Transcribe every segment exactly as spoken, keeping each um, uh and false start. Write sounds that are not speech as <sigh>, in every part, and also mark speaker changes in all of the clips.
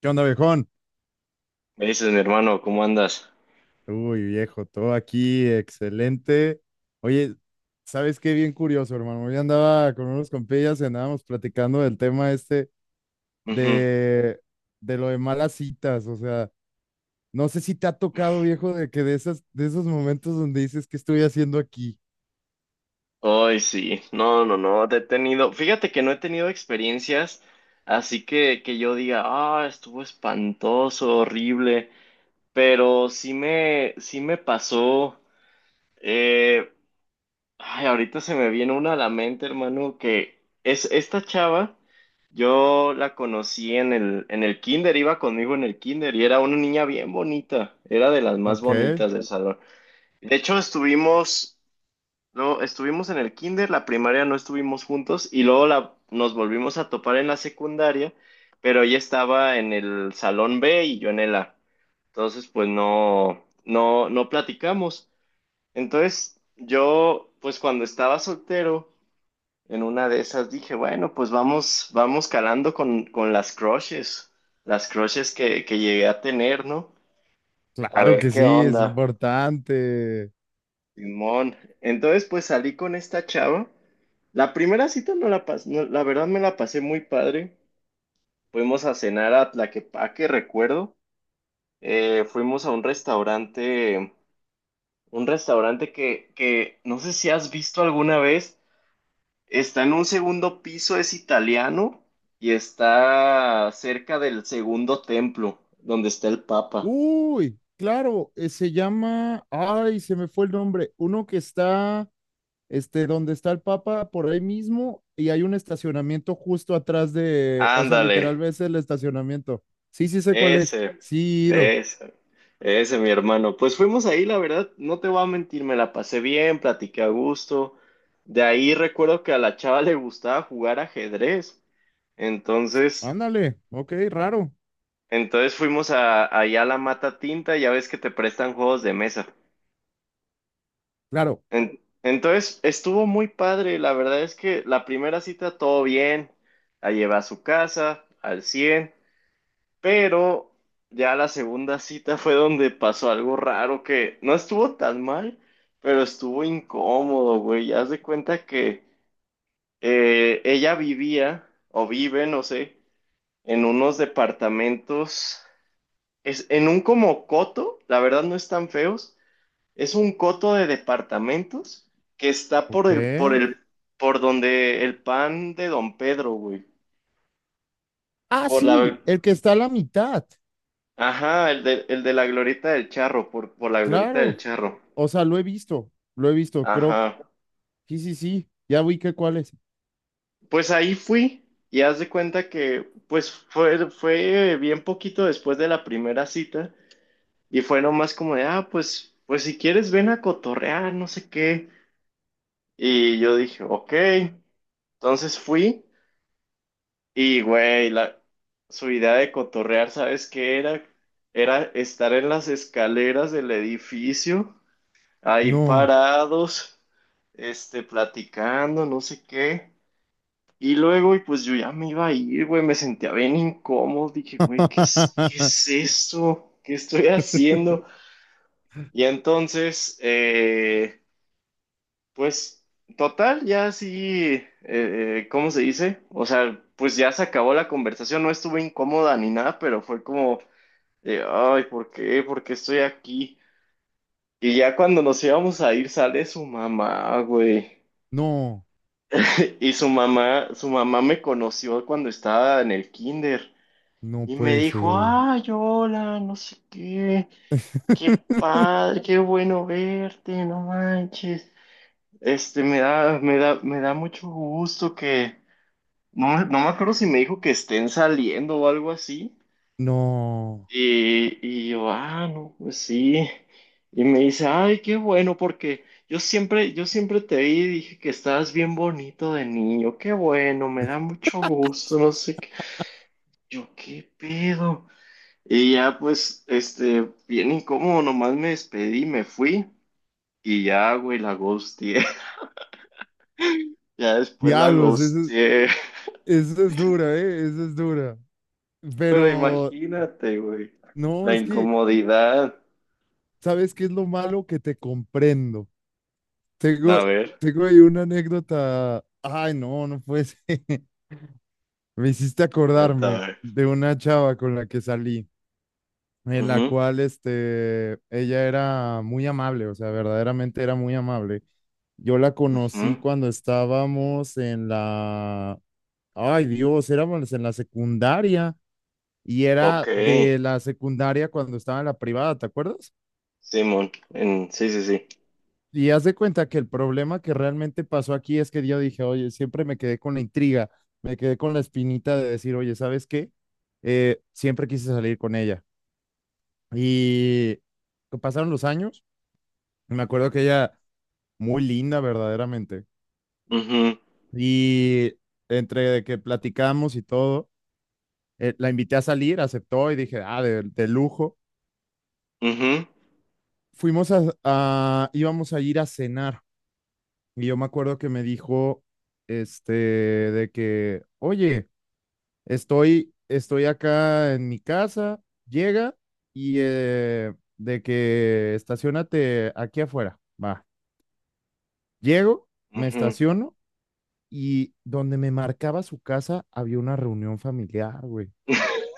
Speaker 1: ¿Qué onda, viejón?
Speaker 2: Me dices, mi hermano, ¿cómo andas?
Speaker 1: Uy, viejo, todo aquí, excelente. Oye, ¿sabes qué? Bien curioso, hermano. Hoy andaba con unos compillas y andábamos platicando del tema este
Speaker 2: Ujú.
Speaker 1: de, de lo de malas citas. O sea, no sé si te ha tocado, viejo, de que de esas, de esos momentos donde dices, ¿qué estoy haciendo aquí?
Speaker 2: Ay, sí. No, no, no. Te he tenido. Fíjate que no he tenido experiencias así que, que yo diga, ah, estuvo espantoso, horrible. Pero sí me, sí me pasó. eh, Ay, ahorita se me viene una a la mente, hermano, que es esta chava. Yo la conocí en el, en el kinder, iba conmigo en el kinder y era una niña bien bonita, era de las más
Speaker 1: Ok,
Speaker 2: bonitas del salón. De hecho, estuvimos No, estuvimos en el kinder, la primaria no estuvimos juntos y luego la, nos volvimos a topar en la secundaria, pero ella estaba en el salón B y yo en el A. Entonces, pues no, no, no platicamos. Entonces, yo, pues cuando estaba soltero, en una de esas dije, bueno, pues vamos, vamos calando con, con las crushes, las crushes que, que llegué a tener, ¿no? A
Speaker 1: claro
Speaker 2: ver
Speaker 1: que
Speaker 2: qué
Speaker 1: sí, es
Speaker 2: onda.
Speaker 1: importante.
Speaker 2: Simón. Entonces, pues salí con esta chava. La primera cita no la pasé, la verdad me la pasé muy padre. Fuimos a cenar a Tlaquepaque, recuerdo. Eh, fuimos a un restaurante, un restaurante que, que no sé si has visto alguna vez. Está en un segundo piso, es italiano y está cerca del segundo templo, donde está el Papa.
Speaker 1: Uy, claro, eh, se llama, ay, se me fue el nombre, uno que está... este, donde está el Papa, por ahí mismo, y hay un estacionamiento justo atrás de, o sea,
Speaker 2: Ándale.
Speaker 1: literal ves el estacionamiento. Sí, sí sé cuál es.
Speaker 2: Ese,
Speaker 1: Sí, ido.
Speaker 2: ese, Ese, mi hermano. Pues fuimos ahí, la verdad, no te voy a mentir, me la pasé bien, platiqué a gusto. De ahí recuerdo que a la chava le gustaba jugar ajedrez. Entonces,
Speaker 1: Ándale, ok, raro.
Speaker 2: entonces fuimos a, allá a la Mata Tinta, ya ves que te prestan juegos de mesa.
Speaker 1: Claro,
Speaker 2: En- entonces, estuvo muy padre, la verdad es que la primera cita todo bien, la llevé a su casa, al cien. Pero ya la segunda cita fue donde pasó algo raro que no estuvo tan mal, pero estuvo incómodo, güey. Haz de cuenta que eh, ella vivía, o vive, no sé, en unos departamentos, es, en un como coto, la verdad no están feos, es un coto de departamentos que está
Speaker 1: ok.
Speaker 2: por el, por el, por donde el pan de Don Pedro, güey.
Speaker 1: Ah,
Speaker 2: Por
Speaker 1: sí,
Speaker 2: la,
Speaker 1: el que está a la mitad,
Speaker 2: Ajá, el de, el de la Glorieta del Charro, por, por la Glorieta del
Speaker 1: claro.
Speaker 2: Charro.
Speaker 1: O sea, lo he visto, lo he visto, creo que,
Speaker 2: Ajá.
Speaker 1: sí, sí, sí, ya vi que cuál es.
Speaker 2: Pues ahí fui y haz de cuenta que pues fue, fue bien poquito después de la primera cita y fue nomás como de, ah, pues, pues si quieres ven a cotorrear, no sé qué. Y yo dije, ok. Entonces fui y, güey, la, su idea de cotorrear, ¿sabes qué era? Era estar en las escaleras del edificio ahí
Speaker 1: No,
Speaker 2: parados, este, platicando, no sé qué. Y luego, y pues yo ya me iba a ir, güey, me sentía bien incómodo, dije, güey, ¿qué es, qué
Speaker 1: <laughs>
Speaker 2: es esto? ¿Qué estoy haciendo? Y entonces, eh, pues, total, ya sí, eh, eh, ¿cómo se dice? O sea, pues ya se acabó la conversación, no estuve incómoda ni nada, pero fue como, de, ay, ¿por qué? ¿Por qué estoy aquí? Y ya cuando nos íbamos a ir, sale su mamá, güey.
Speaker 1: no,
Speaker 2: <laughs> Y su mamá, su mamá me conoció cuando estaba en el kinder
Speaker 1: no
Speaker 2: y me
Speaker 1: puede
Speaker 2: dijo,
Speaker 1: ser.
Speaker 2: ay, hola, no sé qué, qué
Speaker 1: <laughs>
Speaker 2: padre, qué bueno verte, no manches. Este, me da, me da, me da mucho gusto que, no, me- no me acuerdo si me dijo que estén saliendo o algo así,
Speaker 1: No,
Speaker 2: y, y yo, ah, no, pues sí. Y me dice, ay, qué bueno, porque yo siempre, yo siempre te vi y dije que estabas bien bonito de niño, qué bueno, me da mucho gusto, no sé qué. Yo, qué pedo. Y ya, pues, este, bien incómodo, nomás me despedí, me fui y ya, güey, la ghosteé. <laughs> Ya después la
Speaker 1: diablos, eso,
Speaker 2: ghosteé. <laughs>
Speaker 1: Eso es dura, ¿eh? Eso es dura.
Speaker 2: Pero
Speaker 1: Pero
Speaker 2: imagínate, güey,
Speaker 1: no,
Speaker 2: la
Speaker 1: es que,
Speaker 2: incomodidad.
Speaker 1: ¿sabes qué es lo malo? Que te comprendo. Tengo,
Speaker 2: A ver,
Speaker 1: tengo ahí una anécdota. Ay, no, no puede ser. <laughs> Me hiciste
Speaker 2: ahorita a
Speaker 1: acordarme
Speaker 2: ver.
Speaker 1: de una chava con la que salí, en la
Speaker 2: Ujú,
Speaker 1: cual, este, ella era muy amable, o sea, verdaderamente era muy amable. Yo la conocí
Speaker 2: ujú.
Speaker 1: cuando estábamos en la, ay Dios, éramos en la secundaria. Y
Speaker 2: Ok.
Speaker 1: era de la secundaria cuando estaba en la privada, ¿te acuerdas?
Speaker 2: Simón, en, sí, sí, sí.
Speaker 1: Y haz de cuenta que el problema que realmente pasó aquí es que yo dije, oye, siempre me quedé con la intriga, me quedé con la espinita de decir, oye, ¿sabes qué? Eh, siempre quise salir con ella. Y pasaron los años, y me acuerdo que ella, muy linda verdaderamente,
Speaker 2: Ujú,
Speaker 1: y entre de que platicamos y todo, eh, la invité a salir, aceptó y dije, ah, de, de lujo.
Speaker 2: ujú,
Speaker 1: Fuimos a, a, íbamos a ir a cenar. Y yo me acuerdo que me dijo, este, de que, oye, estoy, estoy acá en mi casa, llega y eh, de que estacionate aquí afuera. Va, llego, me
Speaker 2: ujú.
Speaker 1: estaciono y donde me marcaba su casa había una reunión familiar, güey.
Speaker 2: <laughs>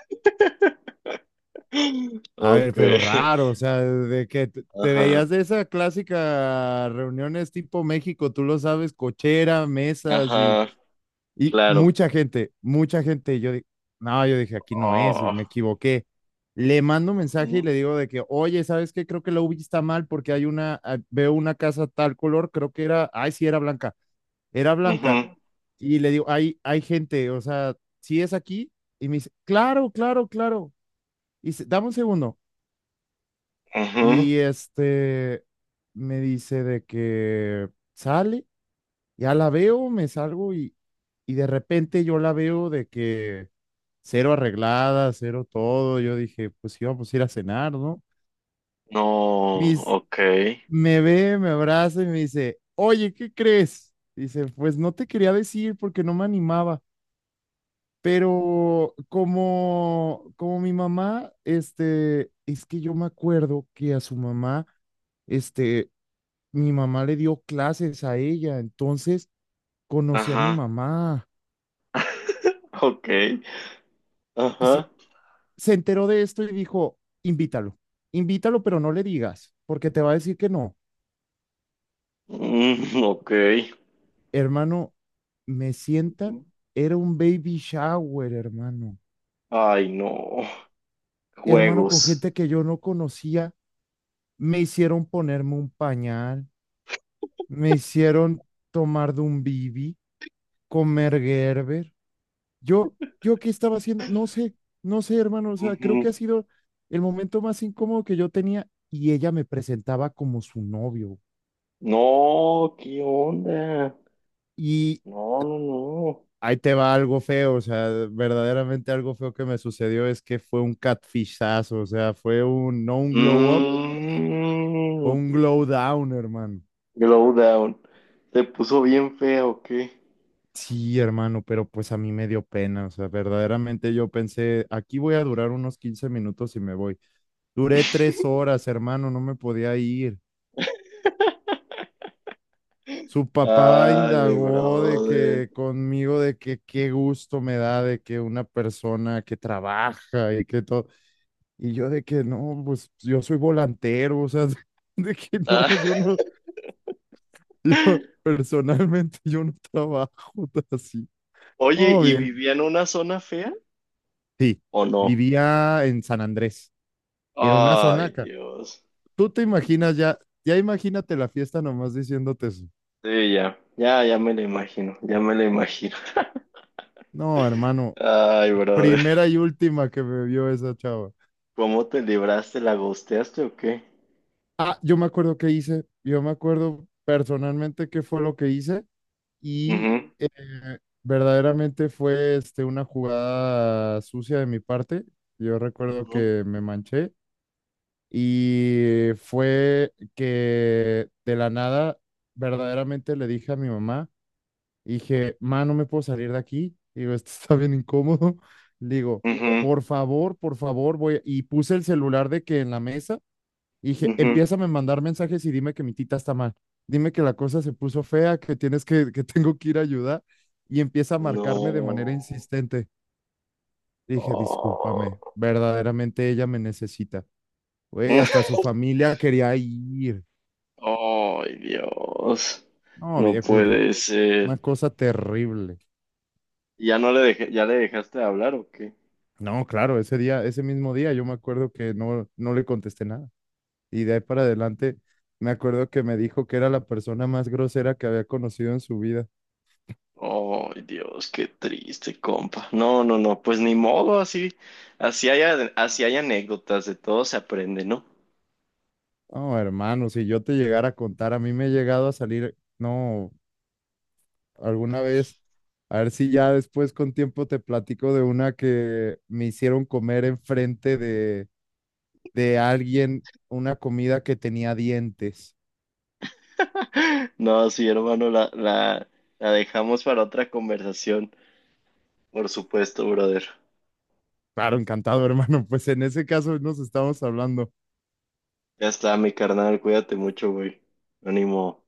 Speaker 1: A ver,
Speaker 2: Ok,
Speaker 1: pero raro, o sea, de que te te
Speaker 2: ajá,
Speaker 1: veías de esa clásica reuniones tipo México, tú lo sabes, cochera, mesas. y
Speaker 2: ajá,
Speaker 1: Y
Speaker 2: claro.
Speaker 1: mucha gente, mucha gente, yo dije, no, yo dije, aquí no es,
Speaker 2: Oh,
Speaker 1: me equivoqué. Le mando un mensaje y
Speaker 2: ujú,
Speaker 1: le digo de que, oye, ¿sabes qué? Creo que la UBI está mal porque hay una, ah, veo una casa tal color, creo que era, ay, sí, era blanca, era blanca.
Speaker 2: ujú,
Speaker 1: Y le digo, hay, ¿hay gente, o sea, si es aquí? Y me dice, claro, claro, claro. Y dice, dame un segundo.
Speaker 2: ujú.
Speaker 1: Y este, me dice de que sale, ya la veo, me salgo y, y de repente yo la veo de que cero arreglada, cero todo. Yo dije, pues íbamos a ir a cenar, ¿no?
Speaker 2: No,
Speaker 1: Mis,
Speaker 2: ok,
Speaker 1: me ve, me abraza y me dice, oye, ¿qué crees? Dice, pues no te quería decir porque no me animaba, pero como, como mi mamá, este, es que yo me acuerdo que a su mamá, este, mi mamá le dio clases a ella, entonces conocí a mi
Speaker 2: ajá,
Speaker 1: mamá.
Speaker 2: ok,
Speaker 1: Y
Speaker 2: ajá,
Speaker 1: se enteró de esto y dijo, invítalo, invítalo, pero no le digas, porque te va a decir que no.
Speaker 2: mm, ok.
Speaker 1: Hermano, me sientan,
Speaker 2: Ujú.
Speaker 1: era un baby shower, hermano.
Speaker 2: Ay, no,
Speaker 1: Hermano, con
Speaker 2: juegos.
Speaker 1: gente que yo no conocía, me hicieron ponerme un pañal, me hicieron tomar de un bibi, comer Gerber. Yo, yo qué estaba haciendo, no sé, no sé, hermano, o sea, creo que ha
Speaker 2: Ujú.
Speaker 1: sido el momento más incómodo que yo tenía y ella me presentaba como su novio.
Speaker 2: No, ¿qué onda?
Speaker 1: Y,
Speaker 2: No, no, no.
Speaker 1: ahí te va algo feo, o sea, verdaderamente algo feo que me sucedió es que fue un catfishazo, o sea, fue un, no un glow up, fue
Speaker 2: Mm,
Speaker 1: un glow down, hermano.
Speaker 2: Glowdown. ¿Te puso bien fea o qué?
Speaker 1: Sí, hermano, pero pues a mí me dio pena, o sea, verdaderamente yo pensé, aquí voy a durar unos quince minutos y me voy. Duré tres horas, hermano, no me podía ir. Su papá
Speaker 2: Ay, mi
Speaker 1: indagó de
Speaker 2: brother.
Speaker 1: que conmigo, de que qué gusto me da de que una persona que trabaja y que todo. Y yo de que no, pues yo soy volantero, o sea, <laughs> de que no,
Speaker 2: Ah,
Speaker 1: yo no, <laughs> yo
Speaker 2: <laughs>
Speaker 1: personalmente yo no trabajo <laughs> así.
Speaker 2: Oye,
Speaker 1: Oh,
Speaker 2: ¿y
Speaker 1: bien.
Speaker 2: vivía en una zona fea
Speaker 1: Sí,
Speaker 2: o no?
Speaker 1: vivía en San Andrés, era una zona
Speaker 2: Ay,
Speaker 1: acá.
Speaker 2: Dios.
Speaker 1: Tú te imaginas ya, ya imagínate la fiesta nomás diciéndote eso.
Speaker 2: Sí, ya. Ya, ya me lo imagino. Ya me lo imagino.
Speaker 1: No,
Speaker 2: <laughs>
Speaker 1: hermano,
Speaker 2: Ay, brother.
Speaker 1: primera y última que me vio esa chava.
Speaker 2: ¿Cómo te libraste? ¿La gosteaste o qué?
Speaker 1: Ah, yo me acuerdo qué hice, yo me acuerdo personalmente qué fue lo que hice. Y
Speaker 2: Ujú,
Speaker 1: eh, verdaderamente fue este, una jugada sucia de mi parte. Yo recuerdo
Speaker 2: ujú,
Speaker 1: que me manché y fue que de la nada verdaderamente le dije a mi mamá, dije, ma, no me puedo salir de aquí. Digo, esto está bien incómodo. <laughs> Le digo,
Speaker 2: ujú,
Speaker 1: por favor, por favor, voy. Y puse el celular de que en la mesa y dije,
Speaker 2: ujú.
Speaker 1: empiézame a mandar mensajes y dime que mi tita está mal. Dime que la cosa se puso fea, que tienes que, que <laughs> tengo que ir a ayudar. Y empieza a marcarme de manera
Speaker 2: No.
Speaker 1: insistente. Dije, discúlpame,
Speaker 2: Oh.
Speaker 1: verdaderamente ella me necesita. Güey, hasta su
Speaker 2: <laughs>
Speaker 1: familia quería ir.
Speaker 2: Ay, Dios.
Speaker 1: No,
Speaker 2: No
Speaker 1: viejo, no,
Speaker 2: puede
Speaker 1: una
Speaker 2: ser.
Speaker 1: cosa terrible.
Speaker 2: ¿Ya no le dejé, ya le dejaste de hablar o qué?
Speaker 1: No, claro, ese día, ese mismo día, yo me acuerdo que no, no le contesté nada. Y de ahí para adelante, me acuerdo que me dijo que era la persona más grosera que había conocido en su vida.
Speaker 2: Ay, Dios, qué triste, compa. No, no, no, pues ni modo, así, así hay, a- así hay anécdotas, de todo se aprende, ¿no?
Speaker 1: No, hermano, si yo te llegara a contar, a mí me he llegado a salir, no, alguna vez, a ver si ya después con tiempo te platico de una que me hicieron comer enfrente de, de alguien una comida que tenía dientes.
Speaker 2: <laughs> No, sí, hermano, la, la, la dejamos para otra conversación, por supuesto, brother.
Speaker 1: Claro, encantado, <laughs> hermano, pues en ese caso nos estamos hablando.
Speaker 2: Ya está, mi carnal, cuídate mucho, güey. Ánimo.